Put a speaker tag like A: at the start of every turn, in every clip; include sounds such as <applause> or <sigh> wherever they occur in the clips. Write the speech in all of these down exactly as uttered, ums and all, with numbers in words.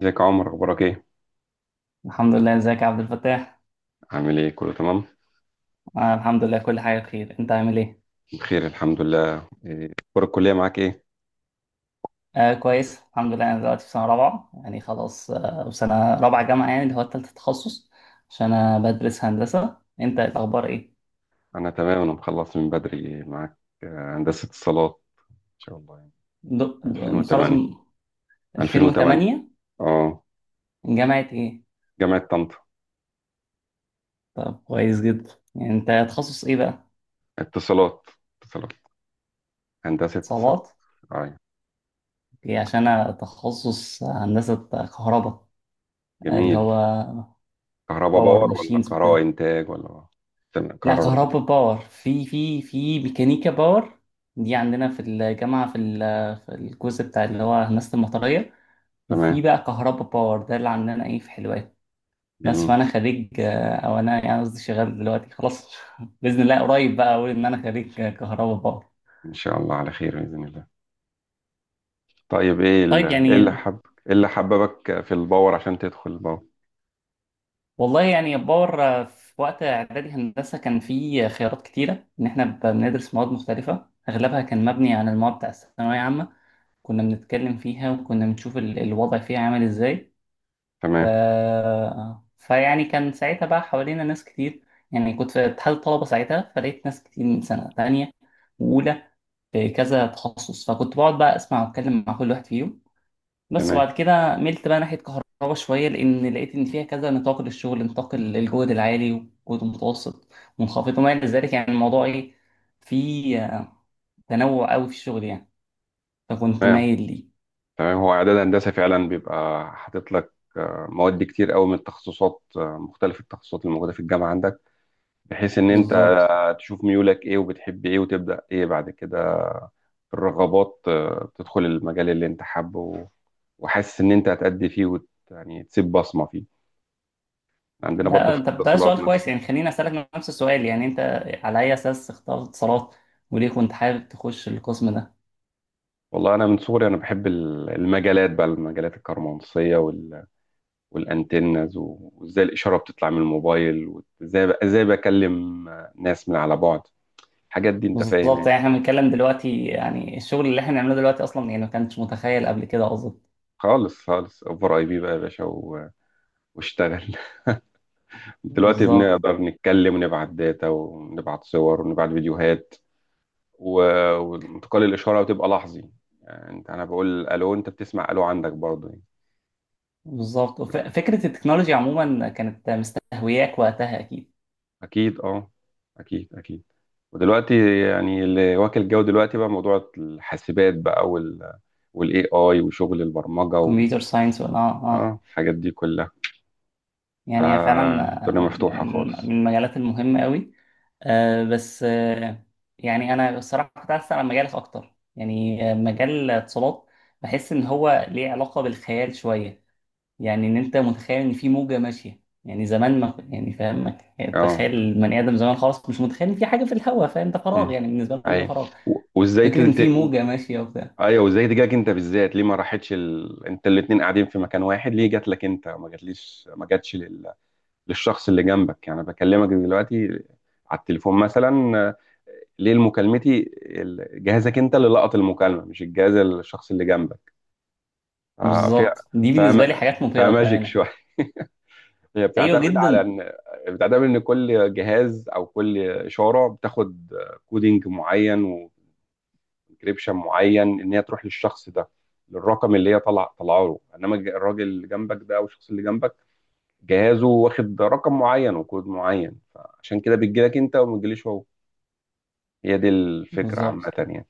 A: ازيك يا عمر، اخبارك ايه؟
B: الحمد لله، ازيك يا عبد الفتاح؟
A: عامل ايه؟ كله تمام؟
B: آه، الحمد لله كل حاجه بخير، انت عامل ايه؟
A: بخير الحمد لله. إيه، اخبار الكليه معاك ايه؟
B: آه كويس الحمد لله. انا دلوقتي في سنه رابعه، يعني خلاص آه سنه رابعه جامعه، يعني اللي هو التالت تخصص، عشان انا بدرس هندسه. انت الاخبار ايه؟
A: انا تمام، انا مخلص من بدري معاك. آه، هندسه اتصالات. ان شاء الله يعني.
B: د- د- متخرج
A: ألفين وتمانية.
B: من
A: ألفين وتمانية.
B: ألفين وثمانية؟
A: اه.
B: من جامعه ايه؟
A: جامعه طنطا.
B: طب كويس جدا. يعني انت تخصص ايه بقى؟
A: اتصالات. اتصالات. هندسه اتصالات.
B: اتصالات،
A: اه.
B: اوكي. عشان انا تخصص هندسه كهرباء. آه، اللي
A: جميل.
B: هو
A: كهرباء
B: باور
A: باور ولا
B: ماشينز
A: كهرباء
B: وكده.
A: انتاج ولا؟ تمام،
B: لا
A: كهرباء باور.
B: كهرباء باور، في في في ميكانيكا باور دي عندنا في الجامعة في ال- في الجزء بتاع اللي هو هندسة المطرية،
A: تمام.
B: وفي بقى كهرباء باور ده اللي عندنا ايه في حلوان. بس
A: جميل.
B: فأنا خريج آه، أو أنا يعني قصدي شغال دلوقتي خلاص <laughs> بإذن الله قريب بقى أقول إن أنا خريج آه، كهرباء باور.
A: ان شاء الله على خير، باذن الله. طيب، ايه ال-
B: طيب
A: ايه اللي
B: يعني،
A: حب ايه اللي حببك في الباور عشان تدخل الباور؟
B: والله يعني باور، آه، في وقت إعدادي هندسة كان في خيارات كتيرة إن إحنا بندرس مواد مختلفة أغلبها كان مبني على المواد بتاع الثانوية عامة، كنا بنتكلم فيها وكنا بنشوف ال- الوضع فيها عامل ازاي. ف...
A: تمام.
B: فيعني كان ساعتها بقى حوالينا ناس كتير، يعني كنت في اتحاد الطلبة ساعتها فلقيت ناس كتير من سنة تانية وأولى في كذا تخصص، فكنت بقعد بقى أسمع وأتكلم مع كل واحد فيهم بس.
A: تمام.
B: وبعد كده ملت بقى ناحية كهرباء شوية لأن لقيت إن فيها كذا نطاق للشغل، نطاق ال- الجهد العالي والجهد المتوسط منخفض وما إلى ذلك، يعني الموضوع إيه فيه آه، تنوع قوي في الشغل، يعني فكنت
A: تمام.
B: مايل ليه.
A: تمام. هو اعداد هندسه فعلا بيبقى حاطط لك آه، مواد كتير قوي من التخصصات آه، مختلف التخصصات اللي موجوده في الجامعه عندك، بحيث ان انت
B: بالظبط.
A: تشوف ميولك ايه وبتحب ايه، وتبدا ايه بعد كده. الرغبات آه، تدخل المجال اللي انت حابه و- وحاسس ان انت هتأدي فيه، وت... يعني تسيب بصمه فيه. عندنا برضو في
B: ده طب ده
A: الاتصالات
B: سؤال كويس،
A: نفسه.
B: يعني خليني اسالك نفس السؤال، يعني انت على اي اساس اخترت اتصالات وليه كنت حابب تخش القسم ده؟
A: والله انا من صغري، انا بحب ال- المجالات بقى، المجالات الكهرومغناطيسيه وال... والانتنز، وازاي الاشاره بتطلع من الموبايل، وازاي ازاي بكلم ناس من على بعد. الحاجات دي انت فاهم
B: بالظبط،
A: يعني.
B: يعني احنا بنتكلم دلوقتي، يعني الشغل اللي احنا بنعمله دلوقتي اصلا يعني ما كانش متخيل قبل كده اظن.
A: خالص خالص، اوفر اي بي بقى يا باشا و... واشتغل. <laughs> دلوقتي
B: بالظبط
A: بنقدر نتكلم ونبعت داتا ونبعت صور ونبعت فيديوهات و... وانتقال الاشاره وتبقى لحظي، يعني انت انا بقول الو، انت بتسمع الو عندك برضه يعني.
B: بالظبط. وف- فكره التكنولوجيا عموما كانت مستهوياك وقتها اكيد.
A: اكيد اه، اكيد اكيد. ودلوقتي يعني اللي واكل جو دلوقتي بقى موضوع الحاسبات بقى وال والاي اي وشغل البرمجه و...
B: كمبيوتر ساينس ولا اه اه.
A: اه، الحاجات دي كلها.
B: يعني هي فعلا،
A: آه، الدنيا
B: آه،
A: مفتوحه
B: من من
A: خالص.
B: المجالات المهمة قوي. آه، بس آه، يعني أنا الصراحة كنت عايز أسأل عن مجالك أكتر، يعني آه، مجال الاتصالات بحس إن هو ليه علاقة بالخيال شوية. يعني إن أنت متخيل إن في موجة ماشية، يعني زمان ما يعني فاهم ما- يعني
A: اه.
B: تخيل البني آدم زمان خالص مش متخيل إن في حاجة في الهواء، فاهم؟ ده فراغ،
A: مم.
B: يعني بالنسبة لهم ده
A: ايوه.
B: فراغ.
A: و- وازاي ت...
B: فكرة إن في
A: ت... و-
B: موجة ماشية وبتاع.
A: ايوه، وازاي تجاك انت بالذات؟ ليه ما راحتش ال... انت الاتنين قاعدين في مكان واحد، ليه جات لك انت؟ ما جاتليش، ما جاتش لل... للشخص اللي جنبك يعني بكلمك دلوقتي على التليفون مثلا. آه، ليه مكالمتي ال- جهازك انت اللي لقط المكالمه، مش الجهاز الشخص اللي جنبك؟ آه في
B: بالظبط، دي بالنسبة لي
A: فاهم.
B: حاجات مبهرة
A: فماجيك
B: بأمانة.
A: شويه. <laughs> هي
B: أيوه
A: بتعتمد على
B: جدا.
A: ان بتعتمد ان كل جهاز او كل اشاره بتاخد كودينج معين، سبسكريبشن معين، ان هي تروح للشخص ده، للرقم اللي هي طلع طلعه له. انما الج- الراجل اللي جنبك ده او الشخص اللي جنبك جهازه واخد رقم معين وكود معين، فعشان كده بتجيلك انت وما بتجيليش هو. هي دي الفكره عامه
B: بالظبط،
A: يعني.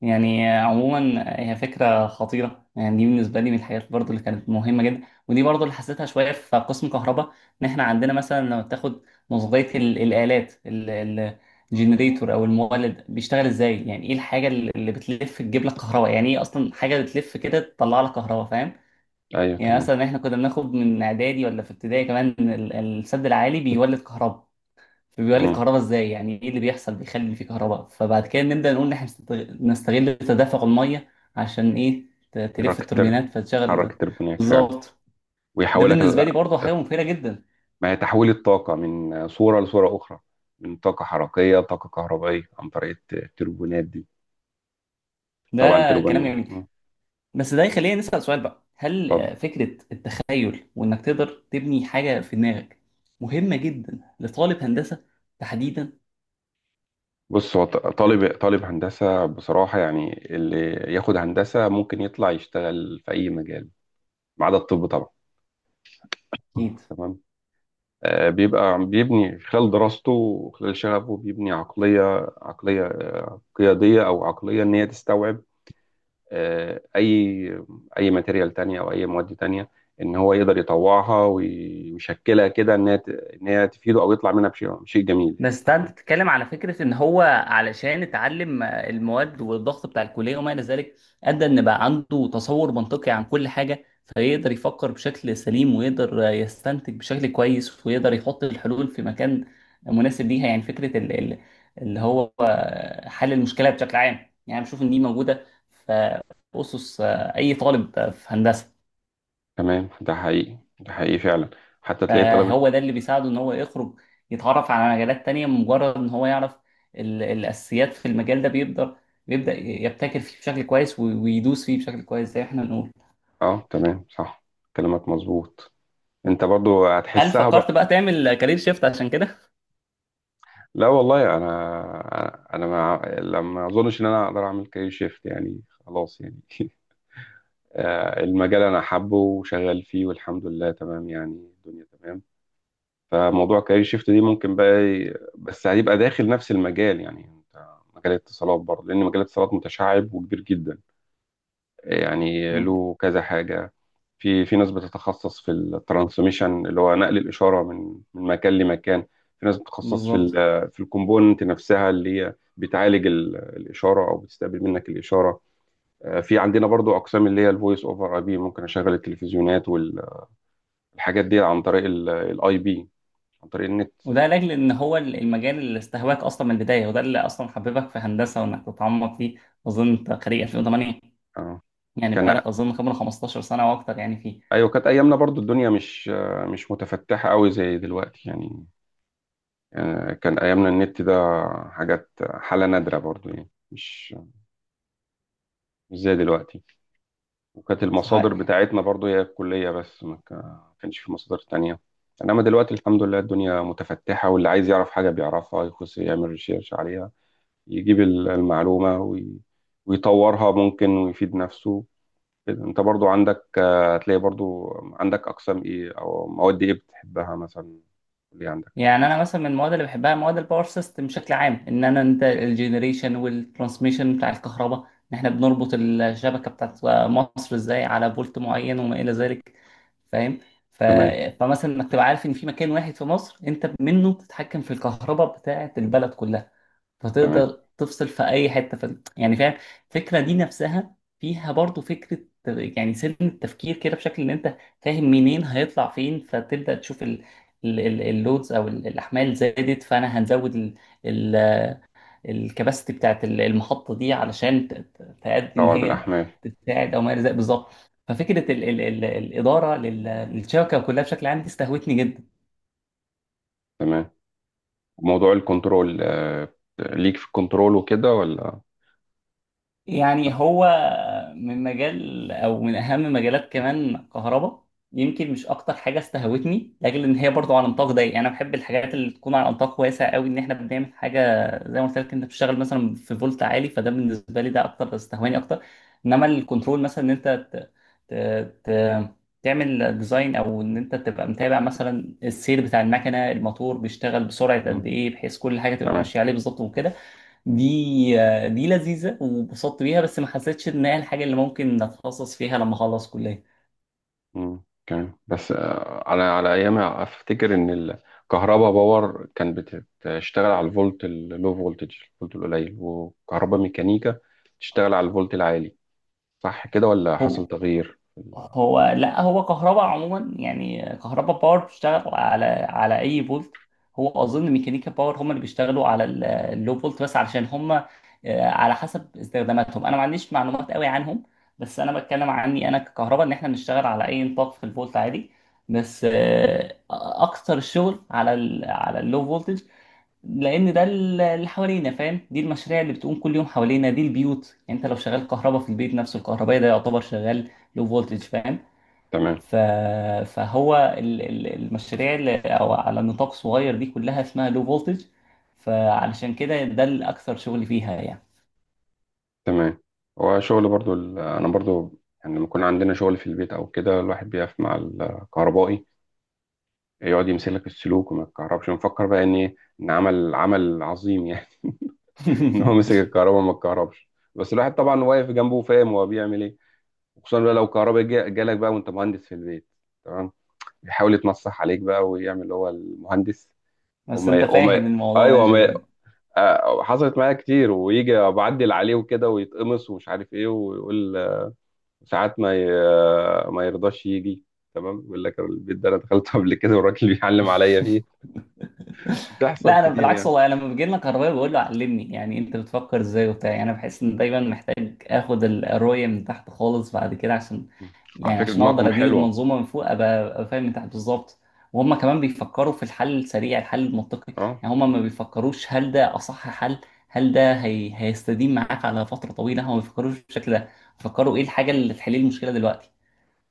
B: يعني عموما هي فكرة خطيرة، يعني دي بالنسبة لي من الحاجات برضو اللي كانت مهمة جدا، ودي برضو اللي حسيتها شوية في قسم كهرباء. إن إحنا عندنا مثلا لما بتاخد نظرية ال- الآلات، الجنريتور أو المولد بيشتغل إزاي، يعني إيه الحاجة اللي اللي بتلف تجيب لك كهرباء، يعني إيه أصلا حاجة بتلف كده تطلع لك كهرباء، فاهم؟
A: ايوه
B: يعني
A: تمام.
B: مثلا إحنا كنا بناخد من إعدادي ولا في ابتدائي كمان إن ال- السد العالي بيولد كهرباء، فبيقول لك
A: امم
B: كهرباء ازاي، يعني ايه اللي بيحصل بيخلي في كهرباء؟ فبعد كده نبدا نقول ان احنا نستغ- نستغل تدفق الميه عشان ايه؟ ت- تلف
A: حركت
B: التوربينات فتشغل
A: حرك
B: ده.
A: التربونات فعلا.
B: بالظبط، ده
A: ويحولك
B: بالنسبه
A: ال-
B: لي برضه حاجه مبهره جدا.
A: ما هي تحويل الطاقه من صوره لصوره اخرى، من طاقه حركيه لطاقه كهربائيه عن طريق الت- التربونات دي.
B: ده
A: طبعا
B: كلام
A: التربون.
B: جميل.
A: مم.
B: بس ده يخلينا نسال سؤال بقى، هل
A: اتفضل.
B: آه، فكره التخيل وانك تقدر تبني حاجه في دماغك مهمه جدا لطالب هندسه تحديدا؟
A: بص، هو ط- طالب طالب هندسة بصراحة، يعني اللي ياخد هندسة ممكن يطلع يشتغل في أي مجال ما عدا الطب طبعا.
B: اكيد.
A: تمام. آه، بيبقى بيبني خلال دراسته وخلال شغفه، بيبني عقلية، عقلية قيادية أو عقلية إن هي تستوعب آه، أي أي ماتيريال تانية أو أي مواد تانية، إن هو يقدر يطوعها وي- ويشكلها كده إن هي ت- إن هي تفيده أو يطلع منها بشيء شيء جميل يعني.
B: بس ده
A: تمام.
B: انت بتتكلم على فكره ان هو علشان اتعلم آه، المواد والضغط بتاع الكليه وما الى ذلك، ادى ان بقى عنده تصور منطقي عن كل حاجه، فيقدر يفكر بشكل سليم ويقدر آه، يستنتج بشكل كويس ويقدر يحط الحلول في مكان مناسب ليها. يعني فكره ال- ال- اللي هو آه، حل المشكله بشكل عام، يعني بشوف ان دي موجوده في اسس آه، اي طالب آه، في هندسه.
A: تمام، ده حقيقي، ده حقيقي فعلا. حتى تلاقي طلبة.
B: فهو ده اللي بيساعده ان هو يخرج يتعرف على مجالات تانية. مجرد ان هو يعرف ال- الاساسيات في المجال ده بيقدر بيبدأ يبتكر فيه بشكل كويس و- ويدوس فيه بشكل كويس زي احنا بنقول.
A: اه تمام صح، كلامك مظبوط. انت برضو
B: هل
A: هتحسها
B: فكرت
A: بقى.
B: بقى تعمل كارير شيفت عشان كده؟
A: لا والله، انا انا ما لما اظنش ان انا اقدر اعمل كارير شيفت يعني خلاص يعني. <laughs> آه، المجال انا حابه وشغال فيه والحمد لله، تمام يعني الدنيا تمام. فموضوع كارير شيفت دي ممكن بقى ي- بس هيبقى داخل نفس المجال، يعني انت مجال الاتصالات برضه، لان مجال الاتصالات متشعب وكبير جدا، يعني
B: مم،
A: له كذا حاجة. في في ناس بتتخصص في الترانسميشن اللي هو نقل الإشارة من من مكان لمكان. في ناس بتتخصص في ال
B: بالظبط.
A: في الكومبوننت نفسها اللي هي بتعالج ال- الإشارة أو بتستقبل منك الإشارة. آه، في عندنا برضو أقسام اللي هي الفويس أوفر أي بي، ممكن أشغل التلفزيونات والحاجات دي عن طريق الأي بي، عن طريق النت.
B: وده لاجل ان هو المجال اللي استهواك اصلا من البدايه، وده اللي اصلا حببك في هندسه وانك تتعمق فيه. اظن انت خريج ألفين وتمانية،
A: آه.
B: يعني
A: كان
B: بقالك اظن خبره خمستاشر سنه واكتر يعني فيه.
A: أيوة كانت أيامنا برضو الدنيا مش آه، مش متفتحة قوي زي دلوقتي يعني. يعني كان أيامنا النت ده حاجات حالة نادرة برضو يعني، مش مش زي دلوقتي. وكانت
B: صح.
A: المصادر بتاعتنا برضو هي الكلية بس، ما كا- كانش في مصادر تانية. إنما دلوقتي الحمد لله، الدنيا متفتحة واللي عايز يعرف حاجة بيعرفها، يخش يعمل ريسيرش عليها، يجيب ال- المعلومة وي- ويطورها، ممكن ويفيد نفسه كده. انت برضو عندك آه، هتلاقي برضو عندك أقسام إيه أو مواد إيه بتحبها مثلا اللي عندك.
B: يعني انا مثلا من المواد اللي بحبها مواد الباور سيستم بشكل عام، ان انا انت الجنريشن والترانسميشن بتاع الكهرباء، ان احنا بنربط الشبكه بتاعت مصر ازاي على فولت معين وما الى ذلك، فاهم؟ ف...
A: تمام.
B: فمثلا انك تبقى عارف ان في مكان واحد في مصر انت منه بتتحكم في الكهرباء بتاعت البلد كلها،
A: تمام.
B: فتقدر تفصل في اي حته في ال- يعني فاهم. الفكره دي نفسها فيها برضو فكره، يعني سن التفكير كده بشكل ان انت فاهم منين هيطلع فين، فتبدا تشوف ال ال- ال- اللودز او ال- الاحمال زادت فانا هنزود ال- ال- الكباستي بتاعت ال- المحطه دي علشان ت- ت- تأدي ان
A: روعة،
B: هي
A: بالأحمال.
B: تساعد او ما الى ذلك، بالظبط. ففكره ال ال ال الاداره لل- للشبكه كلها بشكل عام دي استهوتني جدا.
A: تمام، موضوع الكنترول آه، ليك في الكنترول وكده ولا؟
B: يعني هو من مجال او من اهم مجالات كمان كهرباء، يمكن مش اكتر حاجه استهوتني لاجل ان هي برضو على نطاق ضيق. يعني انا بحب الحاجات اللي تكون على نطاق واسع قوي، ان احنا بنعمل حاجه زي ما قلت لك انت بتشتغل مثلا في فولت عالي، فده بالنسبه لي ده اكتر استهواني اكتر. انما الكنترول مثلا ان انت ت... ت... ت... تعمل ديزاين او ان انت تبقى متابع مثلا السير بتاع المكنه، الموتور بيشتغل بسرعه قد
A: مم.
B: ايه بحيث كل حاجه تبقى
A: تمام.
B: ماشيه عليه بالظبط وكده، دي دي لذيذة وانبسطت بيها، بس ما حسيتش ان هي الحاجة اللي ممكن اتخصص فيها لما اخلص كلية.
A: مم. تمام، بس آه، على على ايام افتكر ان الكهرباء باور كان بت- بتشتغل على الفولت اللو فولتج، الفولت القليل، وكهرباء ميكانيكا تشتغل على الفولت العالي، صح كده ولا حصل
B: هو
A: تغيير في ال-
B: هو لا هو كهرباء عموما، يعني كهرباء باور بتشتغل على على اي فولت. هو اظن ميكانيكا باور هم اللي بيشتغلوا على ال- اللو فولت بس، علشان هم آه، على حسب استخداماتهم انا ما عنديش معلومات قوي عنهم. بس انا بتكلم عني انا ككهرباء، ان احنا بنشتغل على اي نطاق في الفولت عادي، بس آه، اكتر الشغل على ال على اللو فولتج، لان ده ال- اللي حوالينا، فاهم؟ دي المشاريع اللي بتقوم كل يوم حوالينا، دي البيوت. يعني انت لو شغال كهرباء في البيت نفسه، الكهربائي ده يعتبر شغال لو فولتج، فاهم؟
A: تمام.
B: ف... فهو ال- ال- المشاريع اللي او على نطاق صغير دي كلها اسمها لو فولتج، فعلشان كده ده الاكثر شغل فيها يعني.
A: تمام، هو شغل برضو ال- انا برضو، يعني لما يكون عندنا شغل في البيت او كده، الواحد بيقف مع الكهربائي يقعد يمسك لك السلوك وما يتكهربش. مفكر بقى ان إيه؟ ان عمل عمل عظيم يعني. <laughs> ان هو مسك
B: <laughs>
A: الكهرباء ما اتكهربش. بس الواحد طبعا واقف جنبه وفاهم هو بيعمل ايه. وخصوصا بقى لو كهرباء جا- جالك بقى وانت مهندس في البيت. تمام، بيحاول يتنصح عليك بقى ويعمل هو المهندس.
B: بس انت
A: وما وما
B: فاهم الموضوع
A: ايوه
B: ماشي
A: ما
B: ازاي.
A: آه، حصلت معايا كتير، ويجي بعدل عليه وكده ويتقمص ومش عارف ايه ويقول ساعات ما ي... آه، ما يرضاش يجي. تمام، يقول لك البيت ده انا دخلته قبل كده والراجل <laughs> بيعلم عليا فيه.
B: <laughs>
A: بتحصل
B: لا انا
A: كتير
B: بالعكس،
A: يعني.
B: والله أنا لما بيجي لنا كهربائي بقول له علمني، يعني انت بتفكر ازاي وبتاع. يعني انا بحس ان دايما محتاج اخد ال- الرؤيه من تحت خالص بعد كده، عشان
A: مم. على
B: يعني
A: فكرة
B: عشان اقدر
A: دماغهم
B: ادير
A: حلوة.
B: المنظومه من فوق ابقى أبقى فاهم من تحت بالظبط. وهم كمان بيفكروا في الحل السريع، الحل المنطقي.
A: اه
B: يعني هم
A: آه،
B: ما بيفكروش هل ده اصح حل، هل ده هي... هيستديم معاك على فتره طويله، هم ما بيفكروش بالشكل ده. بيفكروا ايه الحاجه اللي تحل لي المشكله دلوقتي،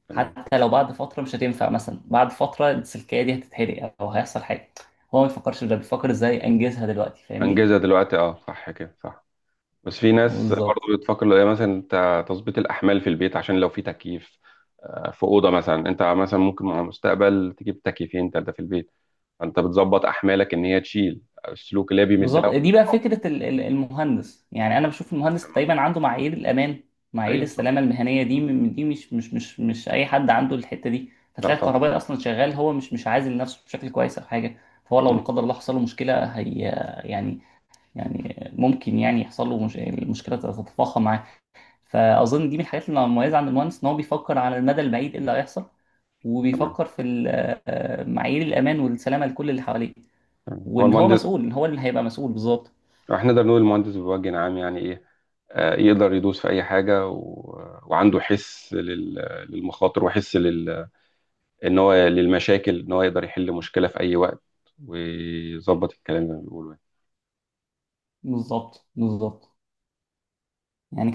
A: تمام.
B: حتى لو بعد فترة مش هتنفع، مثلا بعد فترة السلكية دي هتتحرق أو هيحصل حاجة، هو ما بيفكرش في ده، بيفكر إزاي أنجزها دلوقتي، فاهمني؟
A: انجزها دلوقتي، اه صح كده صح. بس في ناس
B: بالظبط
A: برضه بتفكر لو هي مثلا ت- تظبيط الاحمال في البيت عشان لو في تكييف، آه، في اوضه مثلا، انت مثلا ممكن مع المستقبل تجيب تكييفين تلاته في البيت، فانت بتظبط احمالك ان هي تشيل السلوك اللي هي بيمدها.
B: بالظبط. دي بقى فكرة ال- ال- المهندس، يعني أنا بشوف المهندس
A: تمام.
B: دايما عنده معايير الأمان، معايير
A: ايوه صح،
B: السلامة المهنية. دي م- دي مش مش مش مش أي حد عنده الحتة دي،
A: لا
B: فتلاقي
A: طبعا.
B: الكهربائي أصلا شغال هو مش مش عازل نفسه بشكل كويس أو حاجة، فهو لو لا
A: مم.
B: قدر الله حصل له مشكلة هي يعني، يعني ممكن يعني يحصل له مش... المشكلة تتفاقم معاه. فاظن دي من الحاجات اللي مميزه عند المهندس، ان هو بيفكر على المدى البعيد ايه اللي هيحصل،
A: تمام.
B: وبيفكر في ال- آه، معايير الامان والسلامه لكل اللي حواليه،
A: تمام هو
B: وان هو
A: المهندس،
B: مسؤول، ان هو اللي هيبقى مسؤول بالظبط.
A: احنا نقدر نقول المهندس بوجه عام يعني ايه. آه، يقدر يدوس في اي حاجه و... وعنده حس لل... للمخاطر، وحس لل... ان هو للمشاكل، ان هو يقدر يحل مشكله في اي وقت، ويظبط الكلام اللي بنقوله يعني.
B: بالظبط بالظبط يعني.